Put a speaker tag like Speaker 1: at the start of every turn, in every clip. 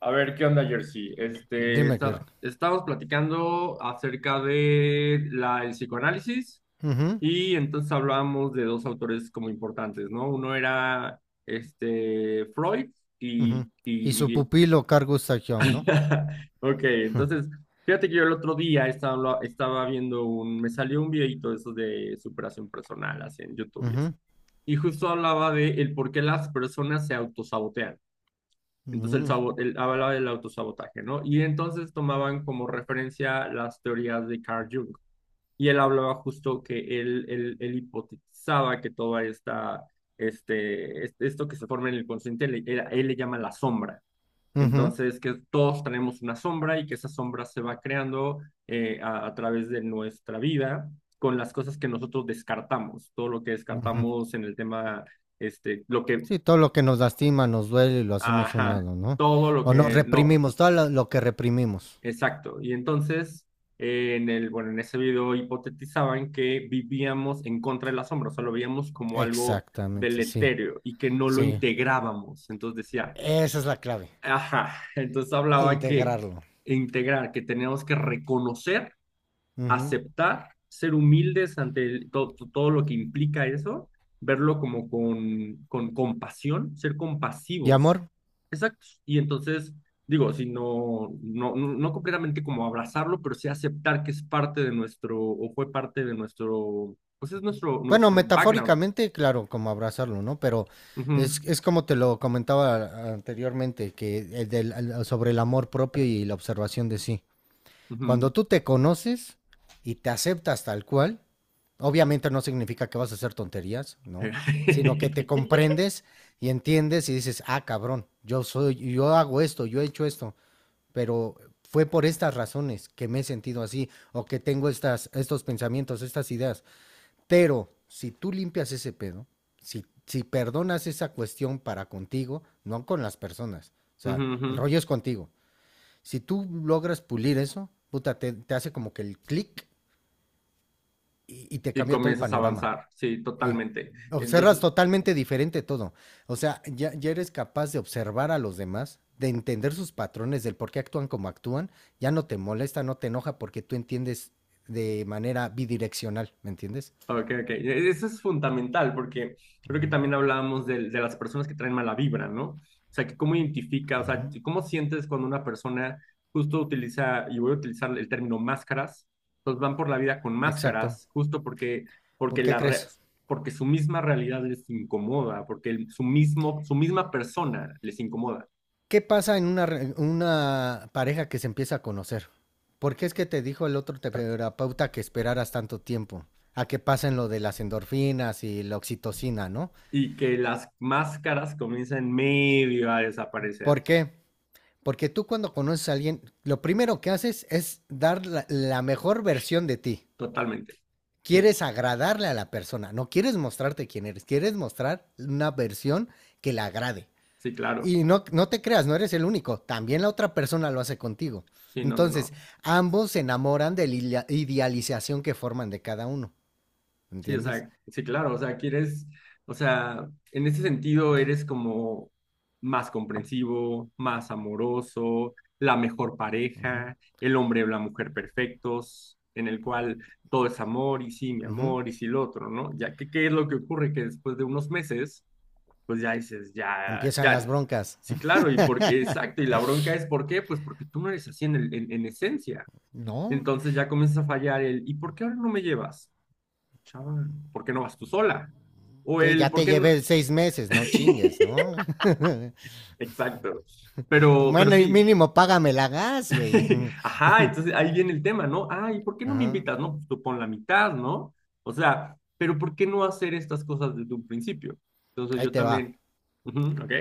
Speaker 1: A ver, ¿qué onda, Jersey?
Speaker 2: Dime, Kirk.
Speaker 1: Estábamos platicando acerca de el psicoanálisis
Speaker 2: Ujú,
Speaker 1: y entonces hablábamos de dos autores como importantes, ¿no? Uno era Freud
Speaker 2: ujú.
Speaker 1: y...
Speaker 2: Y su
Speaker 1: y... y-
Speaker 2: pupilo Carl Gustav Jung, ¿no?
Speaker 1: Ok, entonces, fíjate que yo el otro día estaba viendo Me salió un videito de esos de superación personal, así en YouTube y eso.
Speaker 2: Ujú,
Speaker 1: Y justo hablaba de el por qué las personas se autosabotean. Entonces,
Speaker 2: ujú,
Speaker 1: hablaba del autosabotaje, ¿no? Y entonces tomaban como referencia las teorías de Carl Jung. Y él hablaba justo que él hipotizaba que toda esto que se forma en el consciente, él le llama la sombra.
Speaker 2: ujú,
Speaker 1: Entonces, que todos tenemos una sombra y que esa sombra se va creando a través de nuestra vida con las cosas que nosotros descartamos, todo lo que
Speaker 2: ujú.
Speaker 1: descartamos en el tema, lo que,
Speaker 2: Sí, todo lo que nos lastima, nos duele y lo hacemos a un
Speaker 1: ajá,
Speaker 2: lado, ¿no?
Speaker 1: todo lo
Speaker 2: O nos
Speaker 1: que no.
Speaker 2: reprimimos, todo lo que reprimimos.
Speaker 1: Exacto. Y entonces, en en ese video hipotetizaban que vivíamos en contra de la sombra, o sea, lo veíamos como algo
Speaker 2: Exactamente, sí,
Speaker 1: deletéreo y que no lo
Speaker 2: sí.
Speaker 1: integrábamos. Entonces decía,
Speaker 2: Esa es la clave,
Speaker 1: ajá, entonces hablaba que
Speaker 2: integrarlo.
Speaker 1: integrar, que teníamos que reconocer,
Speaker 2: Ujú.
Speaker 1: aceptar, ser humildes ante todo lo que implica eso, verlo como con compasión, ser
Speaker 2: ¿Y
Speaker 1: compasivos.
Speaker 2: amor?
Speaker 1: Exacto. Y entonces, digo, si no completamente como abrazarlo, pero sí aceptar que es parte de nuestro, o fue parte de nuestro, pues es
Speaker 2: Bueno,
Speaker 1: nuestro background.
Speaker 2: metafóricamente, claro, como abrazarlo, ¿no? Pero
Speaker 1: Ujú,
Speaker 2: es como te lo comentaba anteriormente, que sobre el amor propio y la observación de sí.
Speaker 1: ujú.
Speaker 2: Cuando tú te conoces y te aceptas tal cual, obviamente no significa que vas a hacer tonterías, ¿no? Sino que te comprendes y entiendes y dices, ah, cabrón, yo soy, yo hago esto, yo he hecho esto, pero fue por estas razones que me he sentido así o que tengo estas, estos pensamientos, estas ideas. Pero si tú limpias ese pedo, si perdonas esa cuestión para contigo, no con las personas, o
Speaker 1: Ujú,
Speaker 2: sea,
Speaker 1: ujú.
Speaker 2: el rollo es contigo. Si tú logras pulir eso, puta, te hace como que el clic y te
Speaker 1: Y
Speaker 2: cambia todo el
Speaker 1: comienzas a
Speaker 2: panorama.
Speaker 1: avanzar, sí,
Speaker 2: Sí.
Speaker 1: totalmente.
Speaker 2: Observas
Speaker 1: Entonces,
Speaker 2: totalmente diferente todo. O sea, ya eres capaz de observar a los demás, de entender sus patrones, del por qué actúan como actúan. Ya no te molesta, no te enoja porque tú entiendes de manera bidireccional, ¿me entiendes?
Speaker 1: ok, ok. Eso es fundamental porque creo que
Speaker 2: Ujú.
Speaker 1: también hablábamos de las personas que traen mala vibra, ¿no? O sea, que cómo identifica, o sea,
Speaker 2: Ujú.
Speaker 1: cómo sientes cuando una persona justo utiliza, y voy a utilizar el término máscaras, pues van por la vida con
Speaker 2: Exacto.
Speaker 1: máscaras, justo porque, porque,
Speaker 2: ¿Por qué
Speaker 1: la re-
Speaker 2: crees?
Speaker 1: porque su misma realidad les incomoda, porque su misma persona les incomoda
Speaker 2: ¿Qué pasa en una, una pareja que se empieza a conocer? ¿Por qué es que te dijo el otro terapeuta que esperaras tanto tiempo? A que pasen lo de las endorfinas y la oxitocina, ¿no?
Speaker 1: y que las máscaras comienzan medio a desaparecer,
Speaker 2: ¿Por qué? Porque tú cuando conoces a alguien, lo primero que haces es dar la mejor versión de ti.
Speaker 1: totalmente. Sí,
Speaker 2: Quieres agradarle a la persona, no quieres mostrarte quién eres, quieres mostrar una versión que le agrade.
Speaker 1: sí, claro.
Speaker 2: Y no, no te creas, no eres el único, también la otra persona lo hace contigo.
Speaker 1: Sí, no, no, no.
Speaker 2: Entonces, ambos se enamoran de la idealización que forman de cada uno,
Speaker 1: Sí, o
Speaker 2: ¿entiendes?
Speaker 1: sea, sí, claro, o sea, quieres, o sea, en ese sentido eres como más comprensivo, más amoroso, la mejor
Speaker 2: Ujú.
Speaker 1: pareja, el hombre o la mujer perfectos, en el cual todo es amor y sí, mi
Speaker 2: Ujú.
Speaker 1: amor y sí, lo otro, ¿no? Ya que, ¿qué es lo que ocurre? Que después de unos meses, pues ya dices, ya,
Speaker 2: Empiezan las
Speaker 1: ya,
Speaker 2: broncas.
Speaker 1: sí, claro, y porque, exacto, y la bronca es, ¿por qué? Pues porque tú no eres así en esencia.
Speaker 2: No,
Speaker 1: Entonces ya comienza a fallar el, ¿y por qué ahora no me llevas? Chava, ¿por qué no vas tú sola? O
Speaker 2: sí,
Speaker 1: el,
Speaker 2: ya
Speaker 1: ¿por
Speaker 2: te
Speaker 1: qué no?
Speaker 2: llevé 6 meses, no chingues, ¿no?
Speaker 1: Exacto. Pero
Speaker 2: Bueno, y
Speaker 1: sí.
Speaker 2: mínimo págame la gas, güey.
Speaker 1: Ajá, entonces ahí viene el tema, ¿no? Ay, ¿por qué no me
Speaker 2: Ajá,
Speaker 1: invitas? No, pues tú pon la mitad, ¿no? O sea, pero ¿por qué no hacer estas cosas desde un principio? Entonces
Speaker 2: ahí
Speaker 1: yo
Speaker 2: te va.
Speaker 1: también, ujú, ¿ok?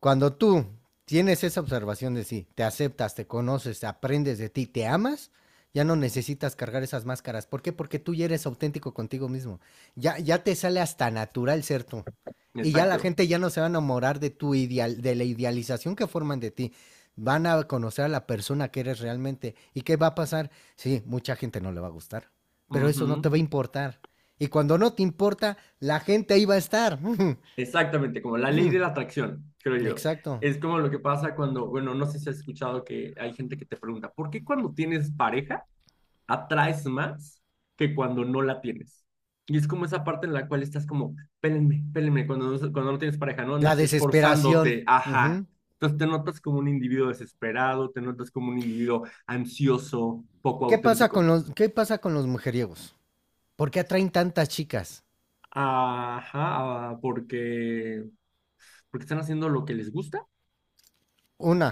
Speaker 2: Cuando tú tienes esa observación de sí, te aceptas, te conoces, aprendes de ti, te amas, ya no necesitas cargar esas máscaras. ¿Por qué? Porque tú ya eres auténtico contigo mismo. Ya te sale hasta natural ser tú. Y ya la
Speaker 1: Exacto.
Speaker 2: gente ya no se va a enamorar de tu ideal, de la idealización que forman de ti. Van a conocer a la persona que eres realmente. ¿Y qué va a pasar? Sí, mucha gente no le va a gustar, pero eso no
Speaker 1: Ujú.
Speaker 2: te va a importar. Y cuando no te importa, la gente ahí va a estar.
Speaker 1: Exactamente, como la ley de la atracción, creo yo.
Speaker 2: Exacto.
Speaker 1: Es como lo que pasa cuando, bueno, no sé si has escuchado que hay gente que te pregunta, ¿por qué cuando tienes pareja atraes más que cuando no la tienes? Y es como esa parte en la cual estás como, pélenme, pélenme, cuando no tienes pareja, no
Speaker 2: La
Speaker 1: andas
Speaker 2: desesperación.
Speaker 1: esforzándote, ajá.
Speaker 2: Ujú.
Speaker 1: Entonces te notas como un individuo desesperado, te notas como un individuo ansioso, poco
Speaker 2: ¿Qué pasa
Speaker 1: auténtico.
Speaker 2: con los, qué pasa con los mujeriegos? ¿Por qué atraen tantas chicas?
Speaker 1: Ajá, ah, porque, porque están haciendo lo que les gusta,
Speaker 2: Una,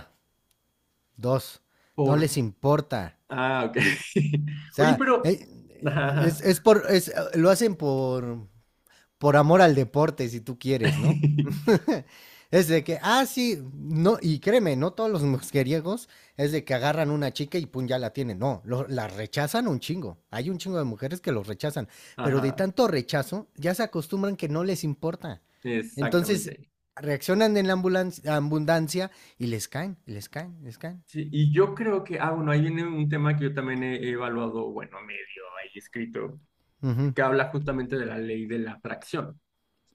Speaker 2: dos, no
Speaker 1: por...
Speaker 2: les importa.
Speaker 1: Ah, ok.
Speaker 2: O
Speaker 1: Oye,
Speaker 2: sea,
Speaker 1: pero... Ajá, ajá,
Speaker 2: lo hacen por amor al deporte, si tú quieres, ¿no? Es de que, ah, sí, no, y créeme, no todos los mujeriegos es de que agarran una chica y pum, ya la tienen. No, la rechazan un chingo. Hay un chingo de mujeres que los rechazan, pero de
Speaker 1: ajá,
Speaker 2: tanto rechazo ya se acostumbran que no les importa. Entonces
Speaker 1: exactamente.
Speaker 2: reaccionan en la abundancia y les caen, les caen.
Speaker 1: Sí, y yo creo que, ah, bueno, ahí viene un tema que yo también he evaluado, bueno, medio ahí escrito,
Speaker 2: Ujú,
Speaker 1: que habla justamente de la ley de la atracción.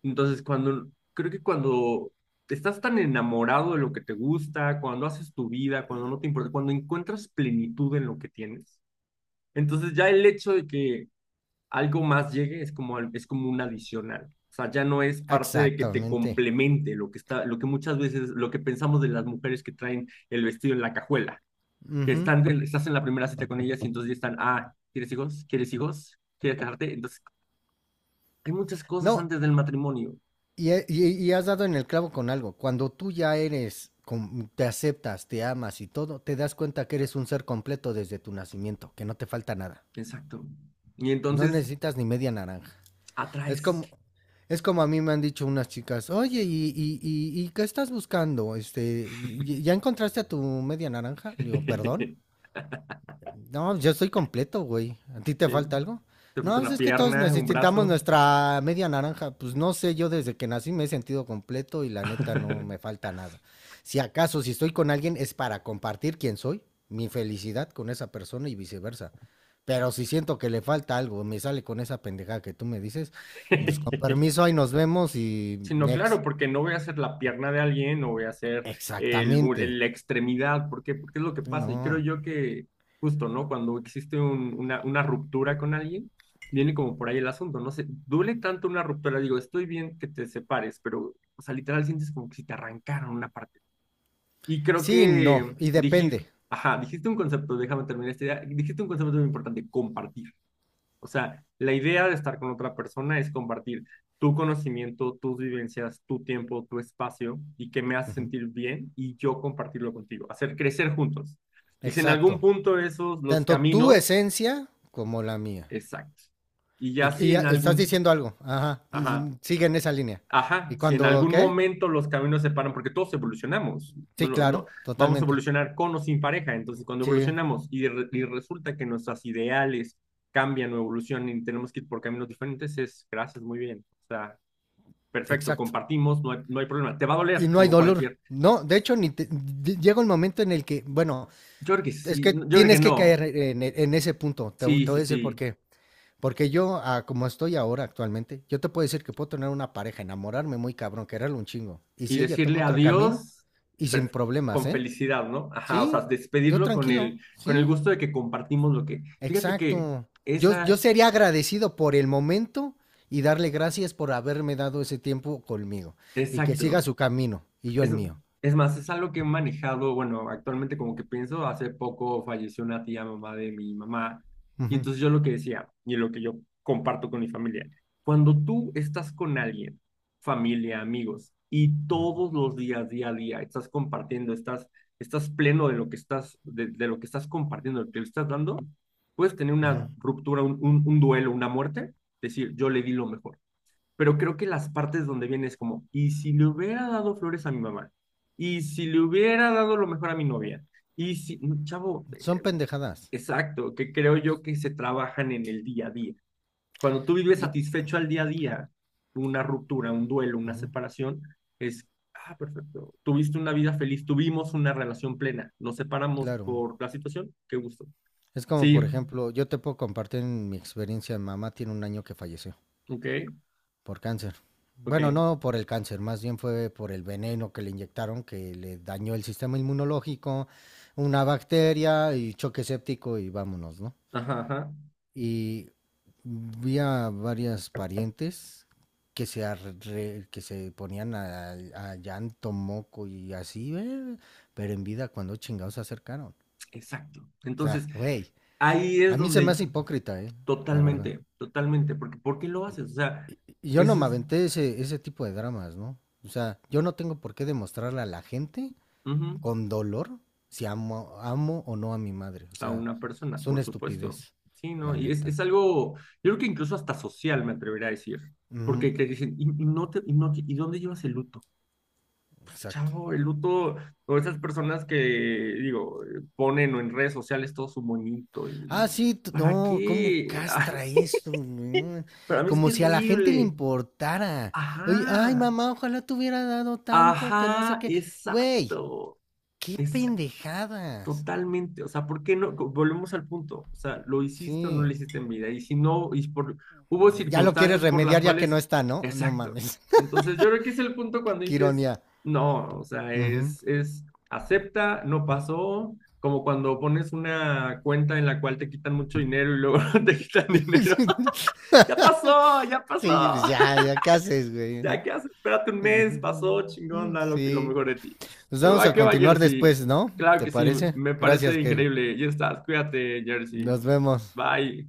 Speaker 1: Entonces, cuando, creo que cuando estás tan enamorado de lo que te gusta, cuando haces tu vida, cuando no te importa, cuando encuentras plenitud en lo que tienes, entonces ya el hecho de que algo más llegue es como, es como un adicional. O sea, ya no es parte de que te
Speaker 2: exactamente.
Speaker 1: complemente lo que está, lo que muchas veces, lo que pensamos de las mujeres que traen el vestido en la cajuela, que
Speaker 2: Ujú.
Speaker 1: están estás en la primera cita con ellas y entonces ya están, ah, ¿quieres hijos? ¿Quieres hijos? ¿Quieres casarte? Entonces, hay muchas cosas
Speaker 2: No,
Speaker 1: antes del matrimonio.
Speaker 2: y, has dado en el clavo con algo. Cuando tú ya eres, te aceptas, te amas y todo, te das cuenta que eres un ser completo desde tu nacimiento, que no te falta nada.
Speaker 1: Exacto. Y
Speaker 2: No
Speaker 1: entonces,
Speaker 2: necesitas ni media naranja. Es
Speaker 1: atraes.
Speaker 2: como, es como a mí me han dicho unas chicas, oye, ¿y qué estás buscando? Este, ¿ya encontraste a tu media naranja? Le digo, perdón. No, yo estoy completo, güey. ¿A ti te
Speaker 1: ¿Sí?
Speaker 2: falta algo?
Speaker 1: Te
Speaker 2: No,
Speaker 1: falta
Speaker 2: pues
Speaker 1: una
Speaker 2: es que todos
Speaker 1: pierna, un
Speaker 2: necesitamos
Speaker 1: brazo.
Speaker 2: nuestra media naranja. Pues no sé, yo desde que nací me he sentido completo y la neta no me falta nada. Si acaso, si estoy con alguien es para compartir quién soy, mi felicidad con esa persona y viceversa. Pero si siento que le falta algo, me sale con esa pendejada que tú me dices, pues con permiso, ahí nos vemos y
Speaker 1: Sino
Speaker 2: next.
Speaker 1: claro, porque no voy a hacer la pierna de alguien, no voy a hacer
Speaker 2: Exactamente.
Speaker 1: la extremidad, porque porque es lo que pasa. Y creo
Speaker 2: No.
Speaker 1: yo que justo, ¿no? Cuando existe una ruptura con alguien, viene como por ahí el asunto, no sé, duele tanto una ruptura, digo, estoy bien que te separes, pero, o sea, literal sientes como que si te arrancaron una parte. Y creo
Speaker 2: Sí, no.
Speaker 1: que
Speaker 2: Y
Speaker 1: dije,
Speaker 2: depende.
Speaker 1: ajá, dijiste un concepto, déjame terminar esta idea, dijiste un concepto muy importante, compartir. O sea, la idea de estar con otra persona es compartir tu conocimiento, tus vivencias, tu tiempo, tu espacio y que me hace
Speaker 2: Ujú.
Speaker 1: sentir bien y yo compartirlo contigo, hacer crecer juntos. Y si en algún
Speaker 2: Exacto.
Speaker 1: punto esos, los
Speaker 2: Tanto tu
Speaker 1: caminos,
Speaker 2: esencia como la mía.
Speaker 1: exacto. Y ya
Speaker 2: Y
Speaker 1: si
Speaker 2: ya
Speaker 1: en
Speaker 2: estás
Speaker 1: algún,
Speaker 2: diciendo algo. Ajá.
Speaker 1: ajá,
Speaker 2: Mm, sigue en esa línea.
Speaker 1: ajá,
Speaker 2: ¿Y
Speaker 1: si en
Speaker 2: cuando
Speaker 1: algún
Speaker 2: qué?
Speaker 1: momento los caminos se paran, porque todos evolucionamos,
Speaker 2: Sí,
Speaker 1: bueno, no,
Speaker 2: claro,
Speaker 1: vamos a
Speaker 2: totalmente.
Speaker 1: evolucionar con o sin pareja, entonces cuando
Speaker 2: Sí,
Speaker 1: evolucionamos y resulta que nuestros ideales cambian o evolucionan y tenemos que ir por caminos diferentes, es gracias, muy bien, o sea, perfecto,
Speaker 2: exacto.
Speaker 1: compartimos, no hay problema, te va a doler
Speaker 2: Y no hay
Speaker 1: como
Speaker 2: dolor.
Speaker 1: cualquier,
Speaker 2: No, de hecho, ni te- di- llega un momento en el que, bueno,
Speaker 1: yo creo que
Speaker 2: es
Speaker 1: sí,
Speaker 2: que
Speaker 1: yo creo que
Speaker 2: tienes que caer
Speaker 1: no,
Speaker 2: en, en ese punto. Te, vo-
Speaker 1: sí,
Speaker 2: te voy
Speaker 1: sí,
Speaker 2: a decir por
Speaker 1: sí,
Speaker 2: qué. Porque yo, ah, como estoy ahora actualmente, yo te puedo decir que puedo tener una pareja, enamorarme muy cabrón, quererlo un chingo. Y
Speaker 1: y
Speaker 2: si ella
Speaker 1: decirle
Speaker 2: toma otro camino,
Speaker 1: adiós
Speaker 2: y sin
Speaker 1: perf-
Speaker 2: problemas,
Speaker 1: con
Speaker 2: ¿eh?
Speaker 1: felicidad, ¿no? Ajá, o sea,
Speaker 2: Sí, yo
Speaker 1: despedirlo con
Speaker 2: tranquilo,
Speaker 1: con el
Speaker 2: sí.
Speaker 1: gusto de que compartimos lo que, fíjate que
Speaker 2: Exacto. Yo
Speaker 1: esa,
Speaker 2: sería agradecido por el momento y darle gracias por haberme dado ese tiempo conmigo y que siga
Speaker 1: exacto.
Speaker 2: su camino y yo el
Speaker 1: Es,
Speaker 2: mío.
Speaker 1: es más, es algo que he manejado, bueno, actualmente como que pienso, hace poco falleció una tía mamá de mi mamá, y
Speaker 2: Ujú,
Speaker 1: entonces yo lo que decía, y lo que yo comparto con mi familia, cuando tú estás con alguien, familia, amigos, y
Speaker 2: ujú,
Speaker 1: todos los días, día a día, estás compartiendo, estás, estás pleno de lo que estás, de lo que estás compartiendo, lo que le estás dando, puedes tener
Speaker 2: ujú.
Speaker 1: una ruptura, un duelo, una muerte, decir, yo le di lo mejor pero creo que las partes donde viene es como, ¿y si le hubiera dado flores a mi mamá? ¿Y si le hubiera dado lo mejor a mi novia? Y si, no, chavo,
Speaker 2: Son pendejadas.
Speaker 1: exacto, que creo yo que se trabajan en el día a día. Cuando tú vives
Speaker 2: Yo-
Speaker 1: satisfecho al día a día, una ruptura, un duelo, una
Speaker 2: ujú,
Speaker 1: separación, es, ah, perfecto, tuviste una vida feliz, tuvimos una relación plena, nos separamos
Speaker 2: claro.
Speaker 1: por la situación, qué gusto.
Speaker 2: Es como, por
Speaker 1: Sí,
Speaker 2: ejemplo, yo te puedo compartir en mi experiencia. Mi mamá tiene un año que falleció
Speaker 1: ok,
Speaker 2: por cáncer.
Speaker 1: ok,
Speaker 2: Bueno, no por el cáncer, más bien fue por el veneno que le inyectaron que le dañó el sistema inmunológico, una bacteria y choque séptico y vámonos, ¿no?
Speaker 1: ajá, ajá,
Speaker 2: Y vi a varias parientes que se, que se ponían a llanto, moco y así, pero en vida cuando chingados se acercaron. O
Speaker 1: exacto. Entonces,
Speaker 2: sea, güey,
Speaker 1: ahí es
Speaker 2: a mí se me
Speaker 1: donde
Speaker 2: hace hipócrita, la verdad.
Speaker 1: totalmente, totalmente, porque ¿por qué lo
Speaker 2: Y-
Speaker 1: haces? O sea,
Speaker 2: Yo no
Speaker 1: eso
Speaker 2: me
Speaker 1: es
Speaker 2: aventé ese tipo de dramas, ¿no? O sea, yo no tengo por qué demostrarle a la gente
Speaker 1: ujú,
Speaker 2: con dolor si amo o no a mi madre. O
Speaker 1: a
Speaker 2: sea,
Speaker 1: una persona,
Speaker 2: es una
Speaker 1: por supuesto.
Speaker 2: estupidez,
Speaker 1: Sí, ¿no?
Speaker 2: la
Speaker 1: Y
Speaker 2: neta.
Speaker 1: es algo, yo creo que incluso hasta social, me atrevería a decir,
Speaker 2: Ujú,
Speaker 1: porque te dicen, y no te, y, no, te- ¿y dónde llevas el luto?
Speaker 2: exacto.
Speaker 1: Chavo, el luto, o esas personas que, digo, ponen en redes sociales todo su monito, y
Speaker 2: Ah, sí, t-
Speaker 1: ¿para
Speaker 2: no, cómo
Speaker 1: qué?
Speaker 2: castra esto, no,
Speaker 1: Para mí es
Speaker 2: como si a la gente le
Speaker 1: terrible.
Speaker 2: importara. Oye, ay,
Speaker 1: Ajá,
Speaker 2: mamá, ojalá te hubiera dado tanto, que no sé
Speaker 1: ajá,
Speaker 2: qué. Güey,
Speaker 1: exacto.
Speaker 2: qué pendejadas.
Speaker 1: Totalmente, o sea, ¿por qué no? Volvemos al punto, o sea, ¿lo hiciste o no
Speaker 2: Sí,
Speaker 1: lo hiciste en vida? Y si no, y por, hubo
Speaker 2: ya lo quieres
Speaker 1: circunstancias por las
Speaker 2: remediar ya que
Speaker 1: cuales,
Speaker 2: no está, ¿no? No
Speaker 1: exacto.
Speaker 2: mames,
Speaker 1: Entonces, yo creo que es el punto cuando
Speaker 2: qué
Speaker 1: dices,
Speaker 2: ironía.
Speaker 1: no, o sea,
Speaker 2: Ujú.
Speaker 1: acepta, no pasó, como cuando pones una cuenta en la cual te quitan mucho dinero y luego te quitan dinero. Ya pasó, ya
Speaker 2: Sí,
Speaker 1: pasó
Speaker 2: pues ¿qué haces, güey?
Speaker 1: ya,
Speaker 2: ¿No?
Speaker 1: ¿qué haces? Espérate un mes, pasó, chingón, da que lo
Speaker 2: Sí.
Speaker 1: mejor de ti.
Speaker 2: Nos
Speaker 1: Pero
Speaker 2: vamos
Speaker 1: va
Speaker 2: a
Speaker 1: que va,
Speaker 2: continuar
Speaker 1: Jersey.
Speaker 2: después, ¿no?
Speaker 1: Claro
Speaker 2: ¿Te
Speaker 1: que sí,
Speaker 2: parece?
Speaker 1: me
Speaker 2: Gracias,
Speaker 1: parece
Speaker 2: Kerry.
Speaker 1: increíble. Ya estás, cuídate, Jersey.
Speaker 2: Nos vemos.
Speaker 1: Bye.